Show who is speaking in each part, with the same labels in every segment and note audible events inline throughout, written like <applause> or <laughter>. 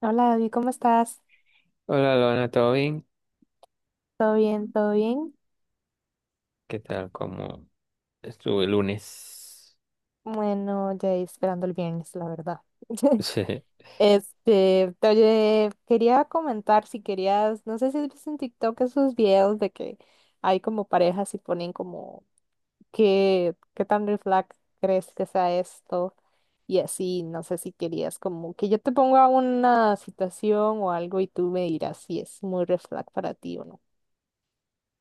Speaker 1: Hola David, ¿cómo estás?
Speaker 2: Hola, Lona, ¿todo bien?
Speaker 1: ¿Todo bien? ¿Todo bien?
Speaker 2: ¿Qué tal? ¿Cómo estuvo el lunes?
Speaker 1: Bueno, ya esperando el viernes, la verdad. <laughs>
Speaker 2: <laughs> Sí,
Speaker 1: Oye, quería comentar si querías, no sé si has visto en TikTok esos videos de que hay como parejas y ponen como qué tan red flag crees que sea esto y así, no sé si querías como que yo te ponga una situación o algo y tú me dirás si es muy red flag para ti o no.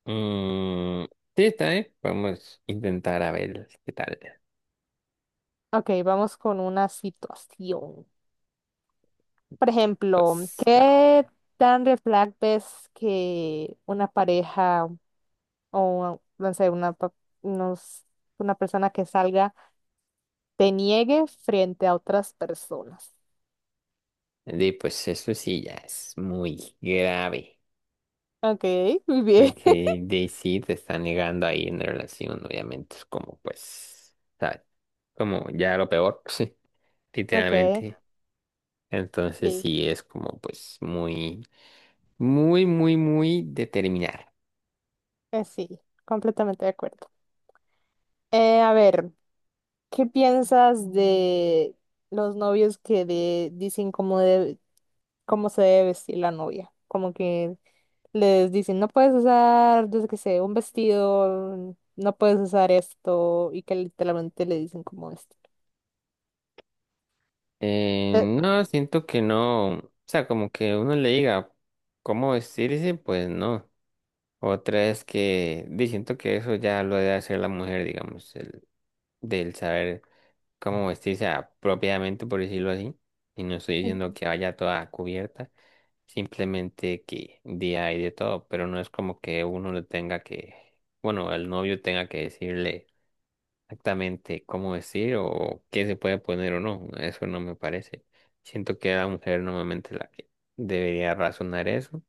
Speaker 2: mm, sí, está bien. Vamos a intentar a ver qué tal.
Speaker 1: Ok, vamos con una situación. Por ejemplo,
Speaker 2: Pues, no.
Speaker 1: ¿qué tan red flag ves que una pareja o, no sé, una, unos- una persona que salga te niegue frente a otras personas?
Speaker 2: Pues eso sí ya es muy grave.
Speaker 1: Ok, muy bien. <laughs>
Speaker 2: Porque de sí te está negando ahí en relación, obviamente. Es como, pues, ¿sabes? Como ya lo peor, <laughs> sí,
Speaker 1: Ok,
Speaker 2: literalmente. Entonces
Speaker 1: sí,
Speaker 2: sí es como, pues, muy, muy determinar.
Speaker 1: sí, completamente de acuerdo. A ver, ¿qué piensas de los novios que dicen cómo, cómo se debe vestir la novia? Como que les dicen, no puedes usar, yo que sé, un vestido, no puedes usar esto, y que literalmente le dicen como esto. Eh,
Speaker 2: No, siento que no. O sea, como que uno le diga cómo vestirse, pues no. Otra es que di, siento que eso ya lo debe hacer la mujer, digamos, el, del saber cómo vestirse apropiadamente, por decirlo así. Y no estoy diciendo que vaya toda cubierta, simplemente que día hay de todo, pero no es como que uno le tenga que, bueno, el novio tenga que decirle exactamente cómo decir o qué se puede poner o no. Eso no me parece. Siento que la mujer normalmente la que debería razonar eso.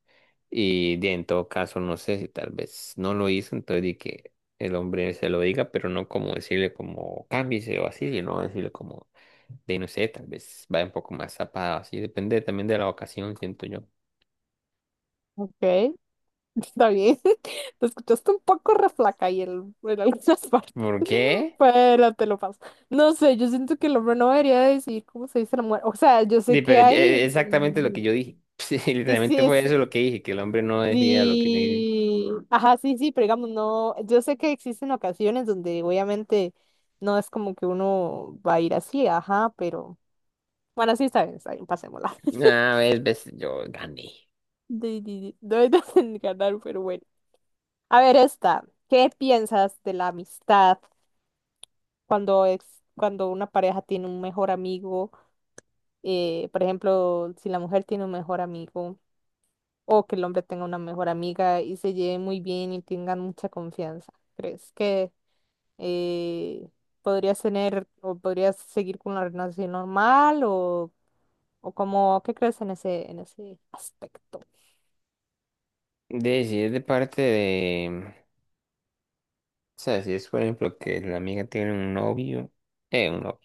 Speaker 2: En todo caso, no sé si tal vez no lo hizo, entonces di que el hombre se lo diga, pero no como decirle como cámbiese o así, sino decirle como de no sé, tal vez va un poco más zapado, así depende también de la ocasión, siento yo.
Speaker 1: ok, <laughs> está bien. <laughs> Te escuchaste un poco reflaca ahí en algunas partes,
Speaker 2: ¿Por
Speaker 1: <laughs>
Speaker 2: qué?
Speaker 1: pero te lo paso. No sé, yo siento que el hombre no debería decir cómo se dice la mujer. O sea, yo sé
Speaker 2: Di, pero
Speaker 1: que hay...
Speaker 2: exactamente lo que yo dije. <laughs> Sí,
Speaker 1: Sí,
Speaker 2: literalmente fue
Speaker 1: sí,
Speaker 2: eso lo que dije, que el hombre no decía lo que le...
Speaker 1: sí, ajá, sí, sí, pero digamos, no, yo sé que existen ocasiones donde obviamente no es como que uno va a ir así, ajá, pero bueno, sí, está bien, pasémosla.
Speaker 2: Ah,
Speaker 1: <laughs>
Speaker 2: ves, ves, yo gané.
Speaker 1: Di, di, di, no me hacen <laughs> ganar, pero bueno. A ver, esta, ¿qué piensas de la amistad cuando es, cuando una pareja tiene un mejor amigo? Por ejemplo, si la mujer tiene un mejor amigo o que el hombre tenga una mejor amiga y se lleven muy bien y tengan mucha confianza. ¿Crees que eh, podrías tener o podrías seguir con una relación normal o cómo, ¿qué crees en ese aspecto?
Speaker 2: De, si es de parte de... O sea, si es por ejemplo que la amiga tiene un novio,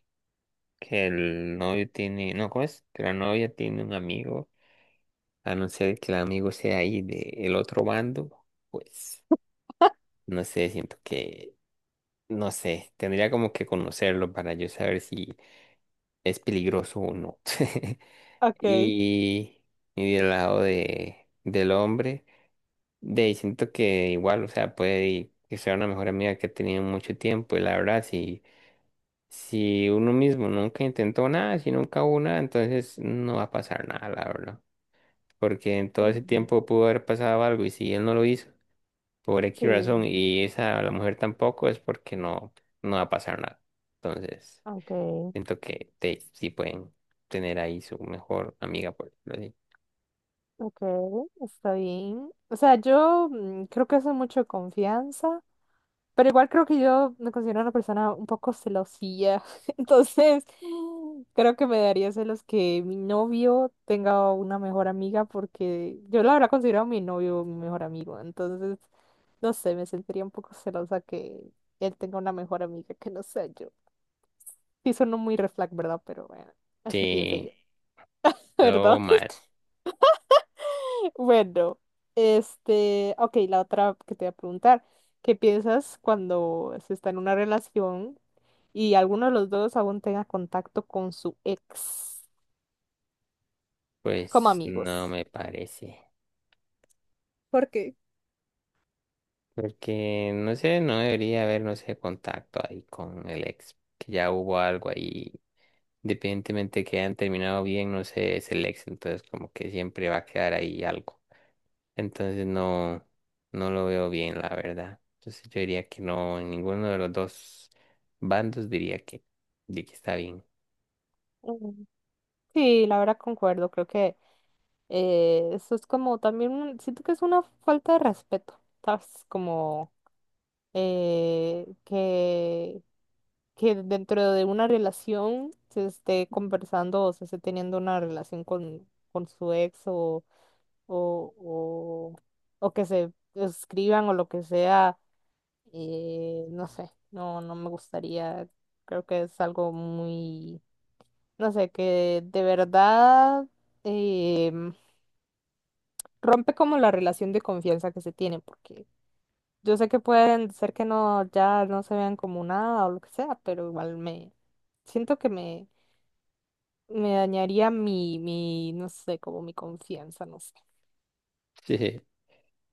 Speaker 2: que el novio tiene, no, ¿cómo es? Que la novia tiene un amigo, a no ser que el amigo sea ahí del otro bando, pues, no sé, siento que, no sé, tendría como que conocerlo para yo saber si es peligroso o no. <laughs>
Speaker 1: Okay.
Speaker 2: Y, y del lado de, del hombre. De, y siento que igual, o sea, que sea una mejor amiga que ha tenido mucho tiempo y la verdad, si, si uno mismo nunca intentó nada, si nunca hubo nada, entonces no va a pasar nada, la verdad. Porque en todo ese
Speaker 1: Mm,
Speaker 2: tiempo pudo haber pasado algo y si él no lo hizo, por X razón,
Speaker 1: sí,
Speaker 2: y esa la mujer tampoco, es porque no, no va a pasar nada. Entonces,
Speaker 1: okay,
Speaker 2: siento que te, sí pueden tener ahí su mejor amiga, por decirlo así.
Speaker 1: okay, está bien. O sea, yo creo que eso es mucho confianza. Pero igual creo que yo me considero una persona un poco celosilla. <laughs> Entonces, creo que me daría celos que mi novio tenga una mejor amiga porque yo la verdad considero a mi novio mi mejor amigo. Entonces, no sé, me sentiría un poco celosa que él tenga una mejor amiga que no sea yo. Sí, suena muy red flag, ¿verdad? Pero bueno, así pienso yo.
Speaker 2: Sí,
Speaker 1: <laughs>
Speaker 2: todo
Speaker 1: ¿Verdad?
Speaker 2: mal,
Speaker 1: Bueno, ok, la otra que te voy a preguntar, ¿qué piensas cuando se está en una relación y alguno de los dos aún tenga contacto con su ex como
Speaker 2: pues no
Speaker 1: amigos?
Speaker 2: me parece.
Speaker 1: ¿Por qué?
Speaker 2: Porque, no sé, no debería haber, no sé, contacto ahí con el ex, que ya hubo algo ahí, independientemente que hayan terminado bien, no sé, es el ex, entonces como que siempre va a quedar ahí algo. Entonces no, no lo veo bien, la verdad. Entonces yo diría que no, en ninguno de los dos bandos diría que, de que está bien.
Speaker 1: Mm, sí, la verdad concuerdo, creo que eso es como también, siento que es una falta de respeto, ¿sabes? Como eh, que que dentro de una relación se esté conversando o se esté teniendo una relación con su ex o, o, o que se escriban o lo que sea, no sé, no me gustaría, creo que es algo muy, no sé, que de verdad em, rompe como la relación de confianza que se tiene, porque yo sé que pueden ser que no, ya no se vean como nada o lo que sea, pero igual me siento que me dañaría mi, no sé, como mi confianza, no sé.
Speaker 2: <laughs>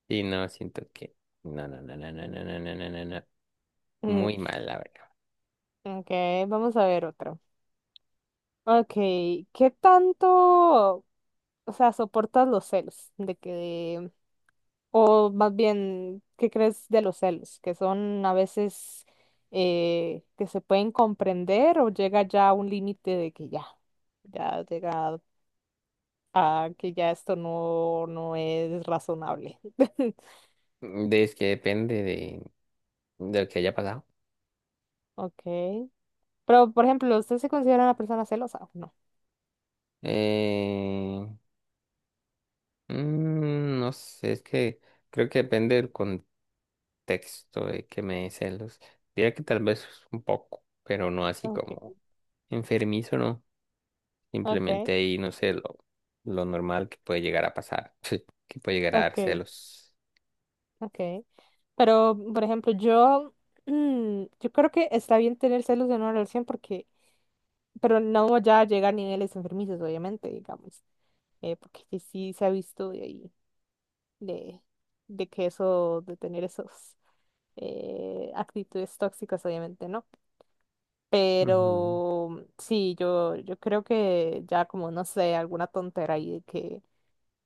Speaker 2: Sí no, siento que, no, no, no, no, no, no, no, no, no, no, no.
Speaker 1: Mm,
Speaker 2: Muy mal, la verdad.
Speaker 1: ok, vamos a ver otro. Ok, ¿qué tanto, o sea, soportas los celos? O más bien, ¿qué crees de los celos? Que son a veces que se pueden comprender o llega ya a un límite de que ya llega a que ya esto no es razonable. <laughs>
Speaker 2: De, es que depende de lo que haya pasado.
Speaker 1: Ok, pero por ejemplo, ¿usted se considera una persona celosa? No.
Speaker 2: Eh, no sé, es que creo que depende del contexto de que me dé celos. Diría que tal vez un poco, pero no así
Speaker 1: Okay,
Speaker 2: como enfermizo, ¿no?
Speaker 1: okay,
Speaker 2: Simplemente ahí, no sé, lo normal que puede llegar a pasar, <laughs> que puede llegar a dar
Speaker 1: okay,
Speaker 2: celos.
Speaker 1: okay. Pero, por ejemplo, yo, <clears throat> yo creo que está bien tener celos en una relación porque, pero no ya llega a niveles enfermizos, obviamente, digamos, porque sí se ha visto de ahí, de, de que eso, de tener esos actitudes tóxicas, obviamente, ¿no?
Speaker 2: Ujú.
Speaker 1: Pero sí, yo creo que ya como, no sé, alguna tontera ahí de que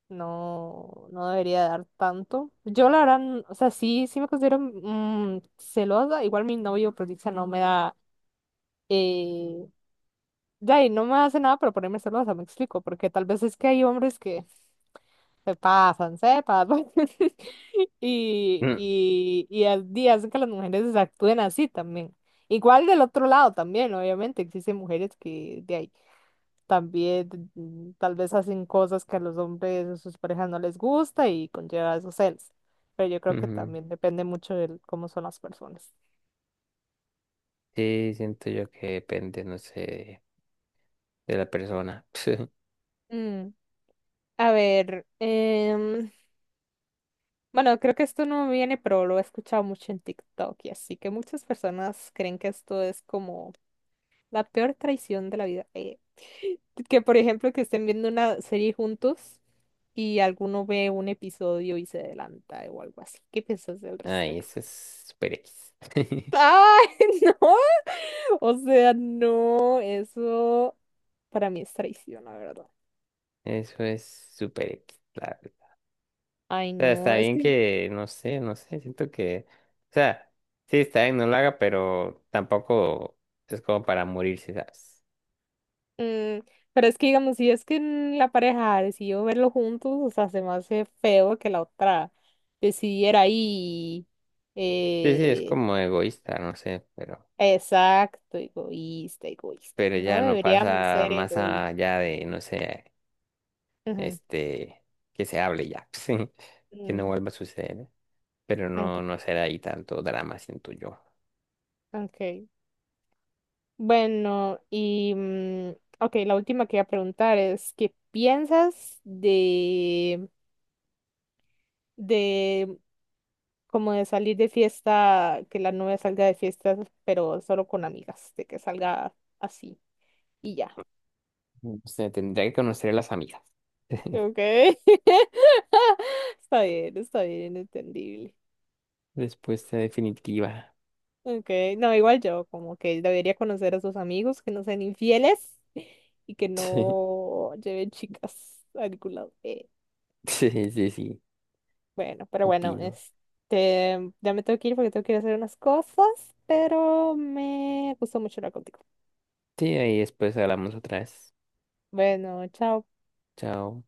Speaker 1: no debería dar tanto. Yo la verdad, o sea, sí, sí me considero celosa. Igual mi novio, pues, dice, no me da, eh, ya, y no me hace nada para ponerme celosa, me explico, porque tal vez es que hay hombres que se pasan, se pasan. <laughs>
Speaker 2: Mm,
Speaker 1: Y al día hacen que las mujeres actúen así también. Igual del otro lado también, obviamente, existen mujeres que de ahí. También tal vez hacen cosas que a los hombres o sus parejas no les gusta y conlleva esos celos. Pero yo creo que
Speaker 2: Ujú.
Speaker 1: también depende mucho de cómo son las personas.
Speaker 2: Sí, siento yo que depende, no sé, de la persona. <laughs>
Speaker 1: Mm, a ver, bueno, creo que esto no me viene, pero lo he escuchado mucho en TikTok y así que muchas personas creen que esto es como la peor traición de la vida. Que por ejemplo que estén viendo una serie juntos y alguno ve un episodio y se adelanta o algo así. ¿Qué piensas al
Speaker 2: Ay,
Speaker 1: respecto?
Speaker 2: eso es super X. <laughs>
Speaker 1: Ay, <laughs> no. O sea, no, eso para mí es traición, la verdad.
Speaker 2: Eso es super X,
Speaker 1: Ay,
Speaker 2: sea,
Speaker 1: no,
Speaker 2: está
Speaker 1: es
Speaker 2: bien
Speaker 1: que,
Speaker 2: que, no sé, no sé, siento que, o sea, sí, está bien, no lo haga, pero tampoco es como para morirse, ¿sabes?
Speaker 1: mm, pero es que digamos, si es que en la pareja decidió verlo juntos, o sea, se me hace feo que la otra decidiera ahí.
Speaker 2: Sí, sí, es
Speaker 1: Eh,
Speaker 2: como egoísta, no sé,
Speaker 1: exacto, egoísta, egoísta.
Speaker 2: pero
Speaker 1: No
Speaker 2: ya no
Speaker 1: deberíamos
Speaker 2: pasa
Speaker 1: ser
Speaker 2: más
Speaker 1: egoístas.
Speaker 2: allá de, no sé,
Speaker 1: Ujú,
Speaker 2: este, que se hable ya, <laughs> sí, que no
Speaker 1: mm,
Speaker 2: vuelva a suceder, pero
Speaker 1: ok,
Speaker 2: no, no será ahí tanto drama, siento yo.
Speaker 1: ok. Bueno, y mm, ok, la última que voy a preguntar es, ¿qué piensas de como de salir de fiesta, que la novia salga de fiesta, pero solo con amigas, de que salga así y ya?
Speaker 2: O sea, tendría que conocer a las amigas. <laughs>
Speaker 1: Ok. <laughs> Está bien, entendible.
Speaker 2: Respuesta definitiva.
Speaker 1: Ok, no, igual yo, como que debería conocer a sus amigos que no sean infieles y que
Speaker 2: <laughs>
Speaker 1: no lleven chicas a ningún lado.
Speaker 2: Sí, sí, sí, sí,
Speaker 1: Bueno, pero bueno,
Speaker 2: opino.
Speaker 1: ya me tengo que ir porque tengo que ir a hacer unas cosas, pero me gustó mucho hablar contigo.
Speaker 2: Sí, ahí después hablamos otra vez.
Speaker 1: Bueno, chao.
Speaker 2: Chao.